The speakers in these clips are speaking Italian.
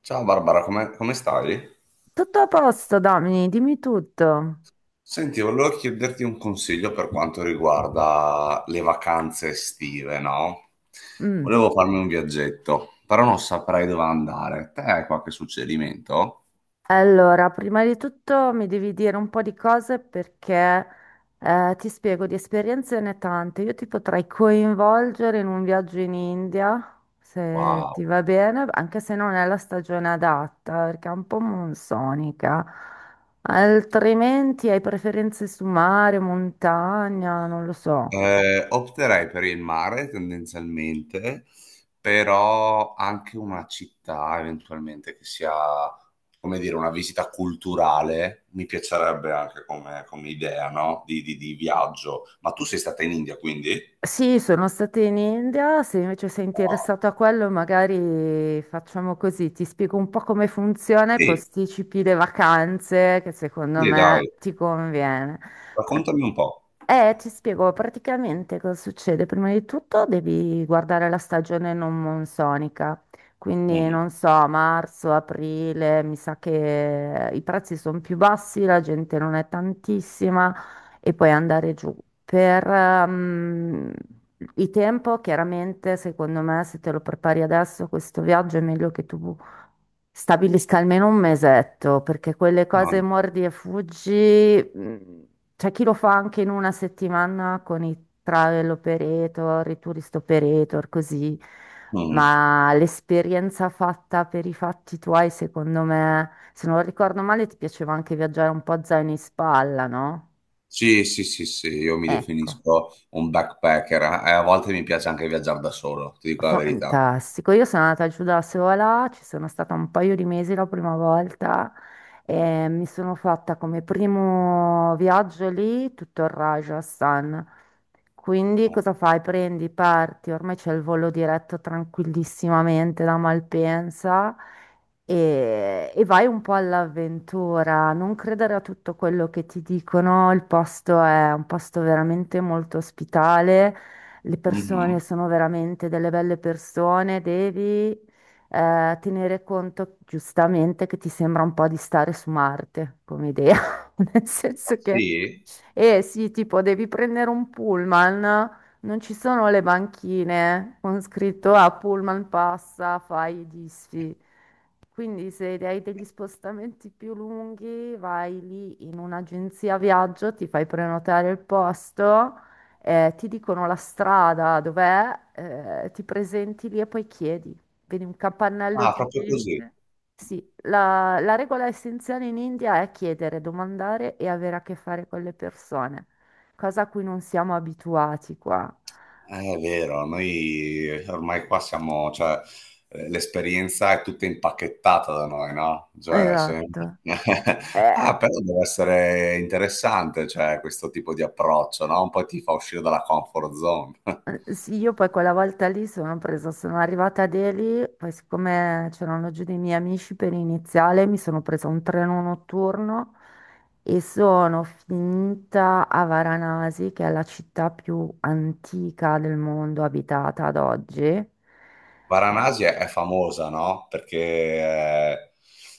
Ciao Barbara, come stai? Tutto a posto, Domini, dimmi tutto. Senti, volevo chiederti un consiglio per quanto riguarda le vacanze estive, no? Mm. Volevo farmi un viaggetto, però non saprei dove andare. Te hai qualche suggerimento? Allora, prima di tutto mi devi dire un po' di cose perché ti spiego, di esperienze ne tante. Io ti potrei coinvolgere in un viaggio in India, se Wow. ti va bene, anche se non è la stagione adatta, perché è un po' monsonica. Altrimenti hai preferenze su mare, montagna, non lo so. Opterei per il mare tendenzialmente, però anche una città eventualmente che sia, come dire, una visita culturale, mi piacerebbe anche come idea, no? Di viaggio. Ma tu sei stata in India, quindi? Sì, sono stata in India, se invece sei No. interessato a quello magari facciamo così, ti spiego un po' come funziona e Sì, posticipi le vacanze che secondo sì, me dai, ti conviene. Prat- raccontami un po'. ti spiego praticamente cosa succede. Prima di tutto devi guardare la stagione non monsonica, quindi Mhm. non so, marzo, aprile, mi sa che i prezzi sono più bassi, la gente non è tantissima e poi andare giù. Per il tempo, chiaramente, secondo me, se te lo prepari adesso, questo viaggio è meglio che tu stabilisca almeno un mesetto, perché quelle Ah, cose mordi e fuggi, c'è chi lo fa anche in una settimana con i travel operator, i tourist operator, così, mhm. ma l'esperienza fatta per i fatti tuoi, secondo me, se non ricordo male, ti piaceva anche viaggiare un po' a zaino in spalla, no? Sì, sì, sì, sì, io mi Ecco, definisco un backpacker, a volte mi piace anche viaggiare da solo, ti dico la verità. fantastico. Io sono andata giù da sola, ci sono stata un paio di mesi la prima volta e mi sono fatta come primo viaggio lì tutto il Rajasthan. Quindi cosa fai? Prendi, parti, ormai c'è il volo diretto tranquillissimamente da Malpensa e vai un po' all'avventura. Non credere a tutto quello che ti dicono, il posto è un posto veramente molto ospitale. Le persone Mhm. sono veramente delle belle persone, devi tenere conto giustamente che ti sembra un po' di stare su Marte come idea, nel Ah, senso che. sì? E sì, tipo devi prendere un pullman, non ci sono le banchine con scritto a pullman passa, fai i disfi. Quindi se hai degli spostamenti più lunghi, vai lì in un'agenzia viaggio, ti fai prenotare il posto, ti dicono la strada dov'è, ti presenti lì e poi chiedi. Vedi un capannello Ah, di proprio così. gente. Sì, la regola essenziale in India è chiedere, domandare e avere a che fare con le persone, cosa a cui non siamo abituati qua. È vero, noi ormai qua siamo, cioè, l'esperienza è tutta impacchettata da noi, no? Cioè, se- Esatto. Eh, Ah, però deve essere interessante, cioè, questo tipo di approccio, no? Un po' ti fa uscire dalla comfort zone. Sì, io poi quella volta lì sono presa, sono arrivata a Delhi, poi siccome c'erano giù dei miei amici per iniziale, mi sono presa un treno notturno e sono finita a Varanasi, che è la città più antica del mondo abitata ad oggi. Eh, Varanasi è famosa, no? Perché,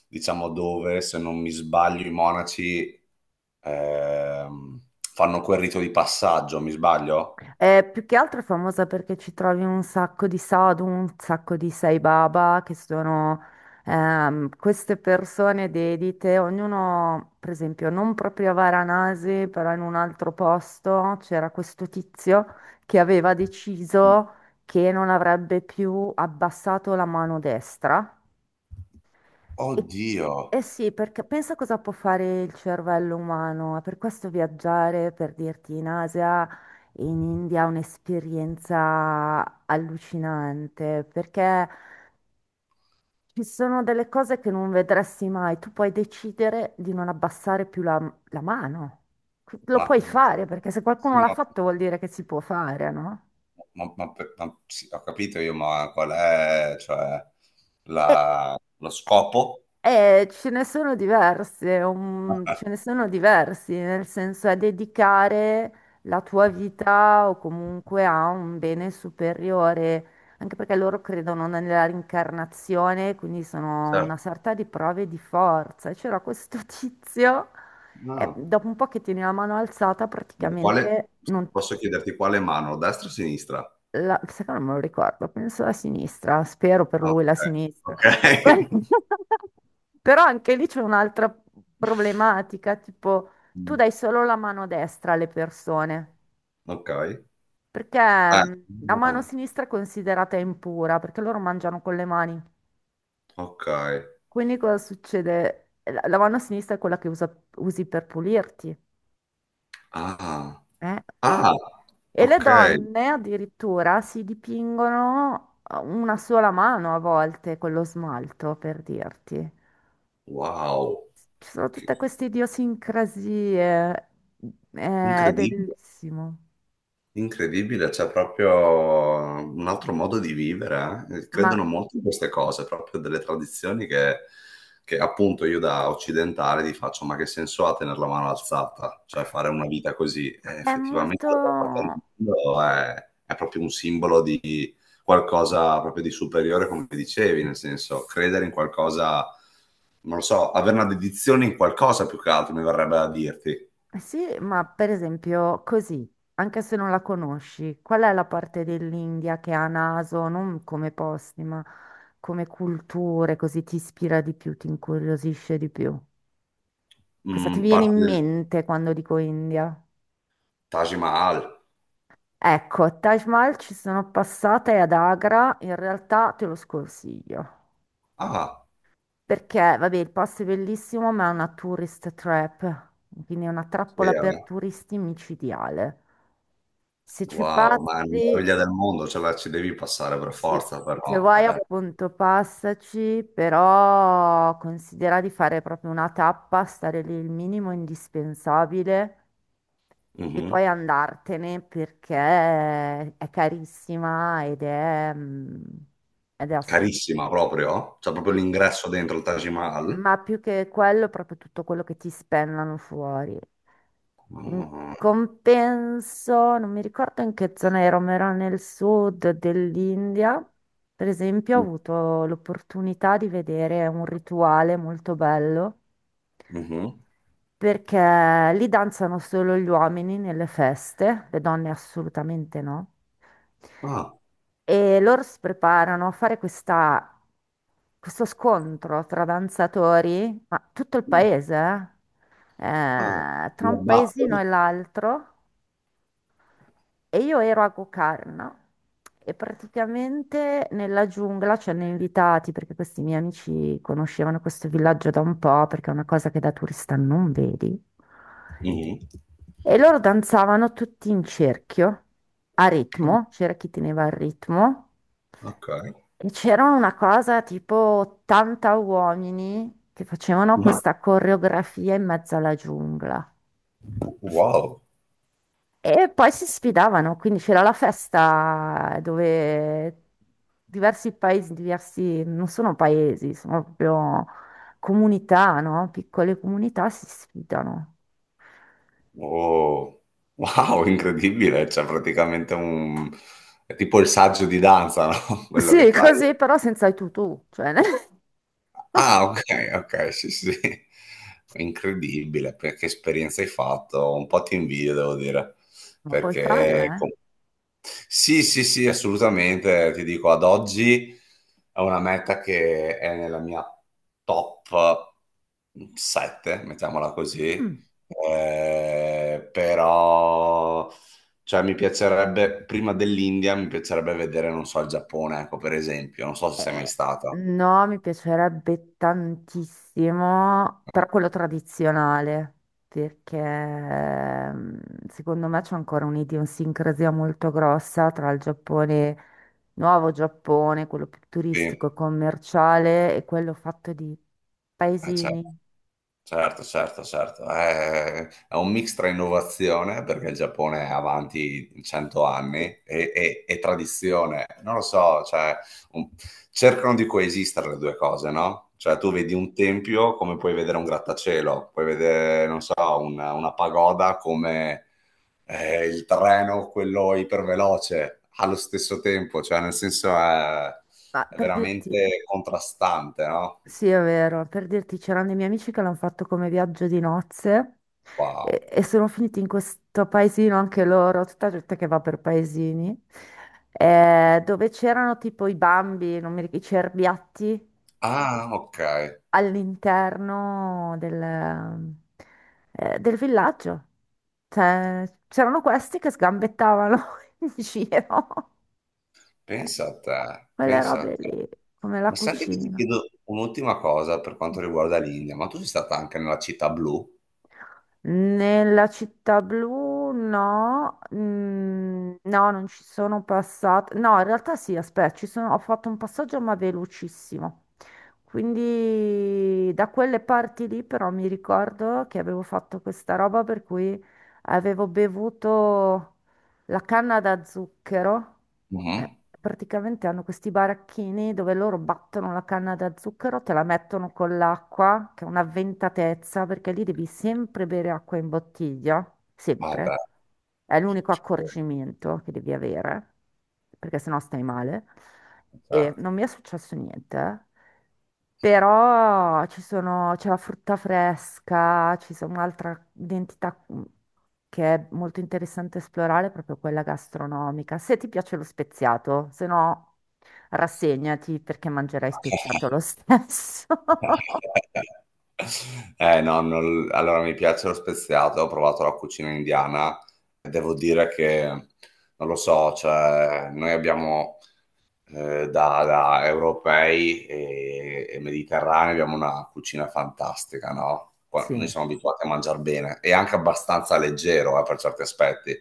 diciamo, dove, se non mi sbaglio, i monaci ehm, fanno quel rito di passaggio, mi sbaglio? più che altro è famosa perché ci trovi un sacco di sadhu, un sacco di sai baba, che sono queste persone dedite, ognuno, per esempio, non proprio a Varanasi, però in un altro posto c'era questo tizio che aveva deciso che non avrebbe più abbassato la mano destra e- Oddio! Eh sì, perché pensa cosa può fare il cervello umano, è per questo viaggiare, per dirti, in Asia e in India è un'esperienza allucinante, perché ci sono delle cose che non vedresti mai, tu puoi decidere di non abbassare più la mano, lo Ma, puoi e- fare, perché se qualcuno sì, l'ha ma- fatto vuol dire che si può fare, no? ma- sì, ho capito io, ma qual è, cioè, la- lo scopo? Ce ne sono diverse, Ah, ce ne sono diversi, nel senso è dedicare la tua vita o comunque a un bene superiore, anche perché loro credono nella rincarnazione, quindi sono certo. una sorta di prove di forza. E c'era questo tizio, e No. dopo un po' che tieni la mano alzata, Ma quale- praticamente non ti posso chiederti quale mano, destra o sinistra? la, sai che non me lo ricordo, penso la sinistra, spero per Ah, lui la sinistra. ok. Ok. Però anche lì c'è un'altra problematica, tipo tu Mm, dai solo la mano destra alle persone, ok. perché Ah, la mano ah, sinistra è considerata impura, perché loro mangiano con le mani. ok. Quindi cosa succede? La mano sinistra è quella che usi per pulirti, Ah, eh? ah, E le ok. donne addirittura si dipingono una sola mano a volte con lo smalto, per dirti. Wow. Ci sono tutte Che- queste idiosincrasie, è Incredibile. bellissimo. Incredibile, c'è proprio un altro modo di vivere, eh. Ma Credono molto in queste cose, proprio delle tradizioni che appunto io da occidentale ti faccio, ma che senso ha tenere la mano alzata? Cioè fare una vita così? È Effettivamente da qualche parte molto. del mondo è proprio un simbolo di qualcosa proprio di superiore, come dicevi, nel senso credere in qualcosa, non lo so, avere una dedizione in qualcosa più che altro, mi verrebbe da dirti. Sì, ma per esempio così, anche se non la conosci, qual è la parte dell'India che ha naso, non come posti, ma come culture, così ti ispira di più, ti incuriosisce di più? Cosa ti Mm, viene parte in del mente quando dico India? Taj Mahal. Ecco, a Taj Mahal ci sono passata e ad Agra in realtà te lo sconsiglio. Ah, Perché, vabbè, il posto è bellissimo, ma è una tourist trap, quindi è una trappola per vero? turisti micidiale. Se ci Wow, ma è una passi, meraviglia del mondo, ce la ci devi passare per sì, forza, se però, vuoi vabbè. appunto passaci, però considera di fare proprio una tappa, stare lì il minimo indispensabile. E Mhm. poi andartene perché è carissima ed ed è assurdo. Carissima proprio? C'è proprio Sì, l'ingresso dentro il Taj Mahal? ma più che quello, proprio tutto quello che ti spennano fuori. In Ah, compenso, non mi ricordo in che zona ero, ma ero nel sud dell'India. Per esempio, ho avuto l'opportunità di vedere un rituale molto bello. mhm. Perché lì danzano solo gli uomini nelle feste, le donne assolutamente no. Ah, E loro si preparano a fare questo scontro tra danzatori, ma tutto il no, paese, ah, tra una un paesino button. e l'altro. E io ero a Gokarna e praticamente nella giungla ci hanno invitati perché questi miei amici conoscevano questo villaggio da un po', perché è una cosa che da turista non vedi. Mhm. E loro danzavano tutti in cerchio, a ritmo, c'era chi teneva il ritmo, Ok. e c'era una cosa tipo 80 uomini che facevano Ma- questa coreografia in mezzo alla giungla. Wow. E poi si sfidavano, quindi c'era la festa dove diversi paesi, diversi, non sono paesi, sono proprio comunità, no? Piccole comunità si sfidano. Oh. Wow, incredibile, c'è praticamente un... è tipo il saggio di danza, no? Quello che Sì, fai. così però senza i tutù, cioè, ma Ah, ok, ok, sì, sì. Incredibile, per- che esperienza hai fatto, un po' ti invidio, devo dire, puoi perché farla, com- sì, sì, sì, assolutamente, ti dico, ad oggi è una meta che è nella mia top 7, mettiamola eh? così. Mm. Però, cioè, mi piacerebbe, prima dell'India, mi piacerebbe vedere, non so, il Giappone, ecco, per esempio, non so se sei mai Eh, stata. no, mi piacerebbe tantissimo, però No. quello tradizionale, perché secondo me c'è ancora un'idiosincrasia molto grossa tra il Giappone, nuovo Giappone, quello più turistico Sì. e commerciale, e quello fatto di Eh, certo, paesini. certo. È un mix tra innovazione, perché il Giappone è avanti 100 Sì. anni, e tradizione. Non lo so, cioè, un- cercano di coesistere le due cose, no? Cioè, tu vedi un tempio come puoi vedere un grattacielo, puoi vedere, non so, una pagoda come il treno, quello iperveloce, allo stesso tempo, cioè, nel senso Ma è per dirti. veramente contrastante, no? Sì, è vero. Per dirti, c'erano dei miei amici che l'hanno fatto come viaggio di nozze Wow. e sono finiti in questo paesino anche loro, tutta gente che va per paesini, dove c'erano tipo i bambi, non mi ricordo, i cerbiatti Ah, ok, all'interno del villaggio. Cioè, c'erano questi che sgambettavano in giro. Eh, pensa a te, quelle pensa a robe te. lì, come la Ma senti che ti cucina. chiedo un'ultima cosa per quanto riguarda l'India, ma tu sei stata anche nella città blu? Nella città blu no, no, non ci sono passata. No, in realtà sì, aspetta, ho fatto un passaggio ma velocissimo. Quindi da quelle parti lì però mi ricordo che avevo fatto questa roba per cui avevo bevuto la canna da zucchero, eh, Mhm. praticamente hanno questi baracchini dove loro battono la canna da zucchero, te la mettono con l'acqua, che è una ventatezza, perché lì devi sempre bere acqua in bottiglia, Ah beh, sempre. È l'unico ci credo, accorgimento che devi avere, perché sennò stai male. E certo. non mi è successo niente, eh. Però c'è la frutta fresca, ci sono un'altra identità che è molto interessante esplorare, proprio quella gastronomica. Se ti piace lo speziato, se no rassegnati perché mangerai speziato lo stesso. Eh no, non- allora mi piace lo speziato, ho provato la cucina indiana, devo dire che, non lo so, cioè, noi abbiamo da europei e mediterranei abbiamo una cucina fantastica, no? Qua- Noi Sì. siamo abituati a mangiare bene e anche abbastanza leggero, per certi aspetti.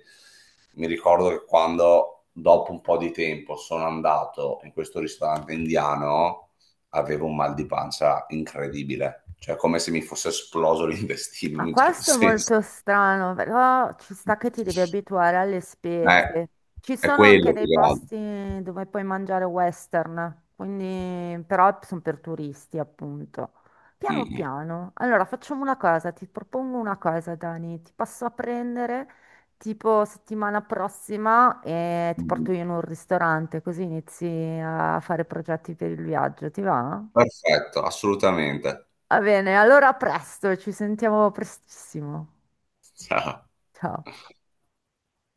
Mi ricordo che quando, dopo un po' di tempo, sono andato in questo ristorante indiano, avevo un mal di pancia incredibile, cioè come se mi fosse esploso l'intestino in Ma un certo questo è senso. molto strano, però ci sta che ti devi abituare alle Eh, spezie. Ci è sono anche quello più dei che altro. posti dove puoi mangiare western, quindi però sono per turisti, appunto. Piano Mm, piano. Allora, facciamo una cosa, ti propongo una cosa, Dani. Ti passo a prendere tipo settimana prossima e ti mm. porto io in un ristorante, così inizi a fare progetti per il viaggio, ti va? Perfetto, assolutamente. Va bene, allora a presto, ci sentiamo prestissimo. Haha Ciao.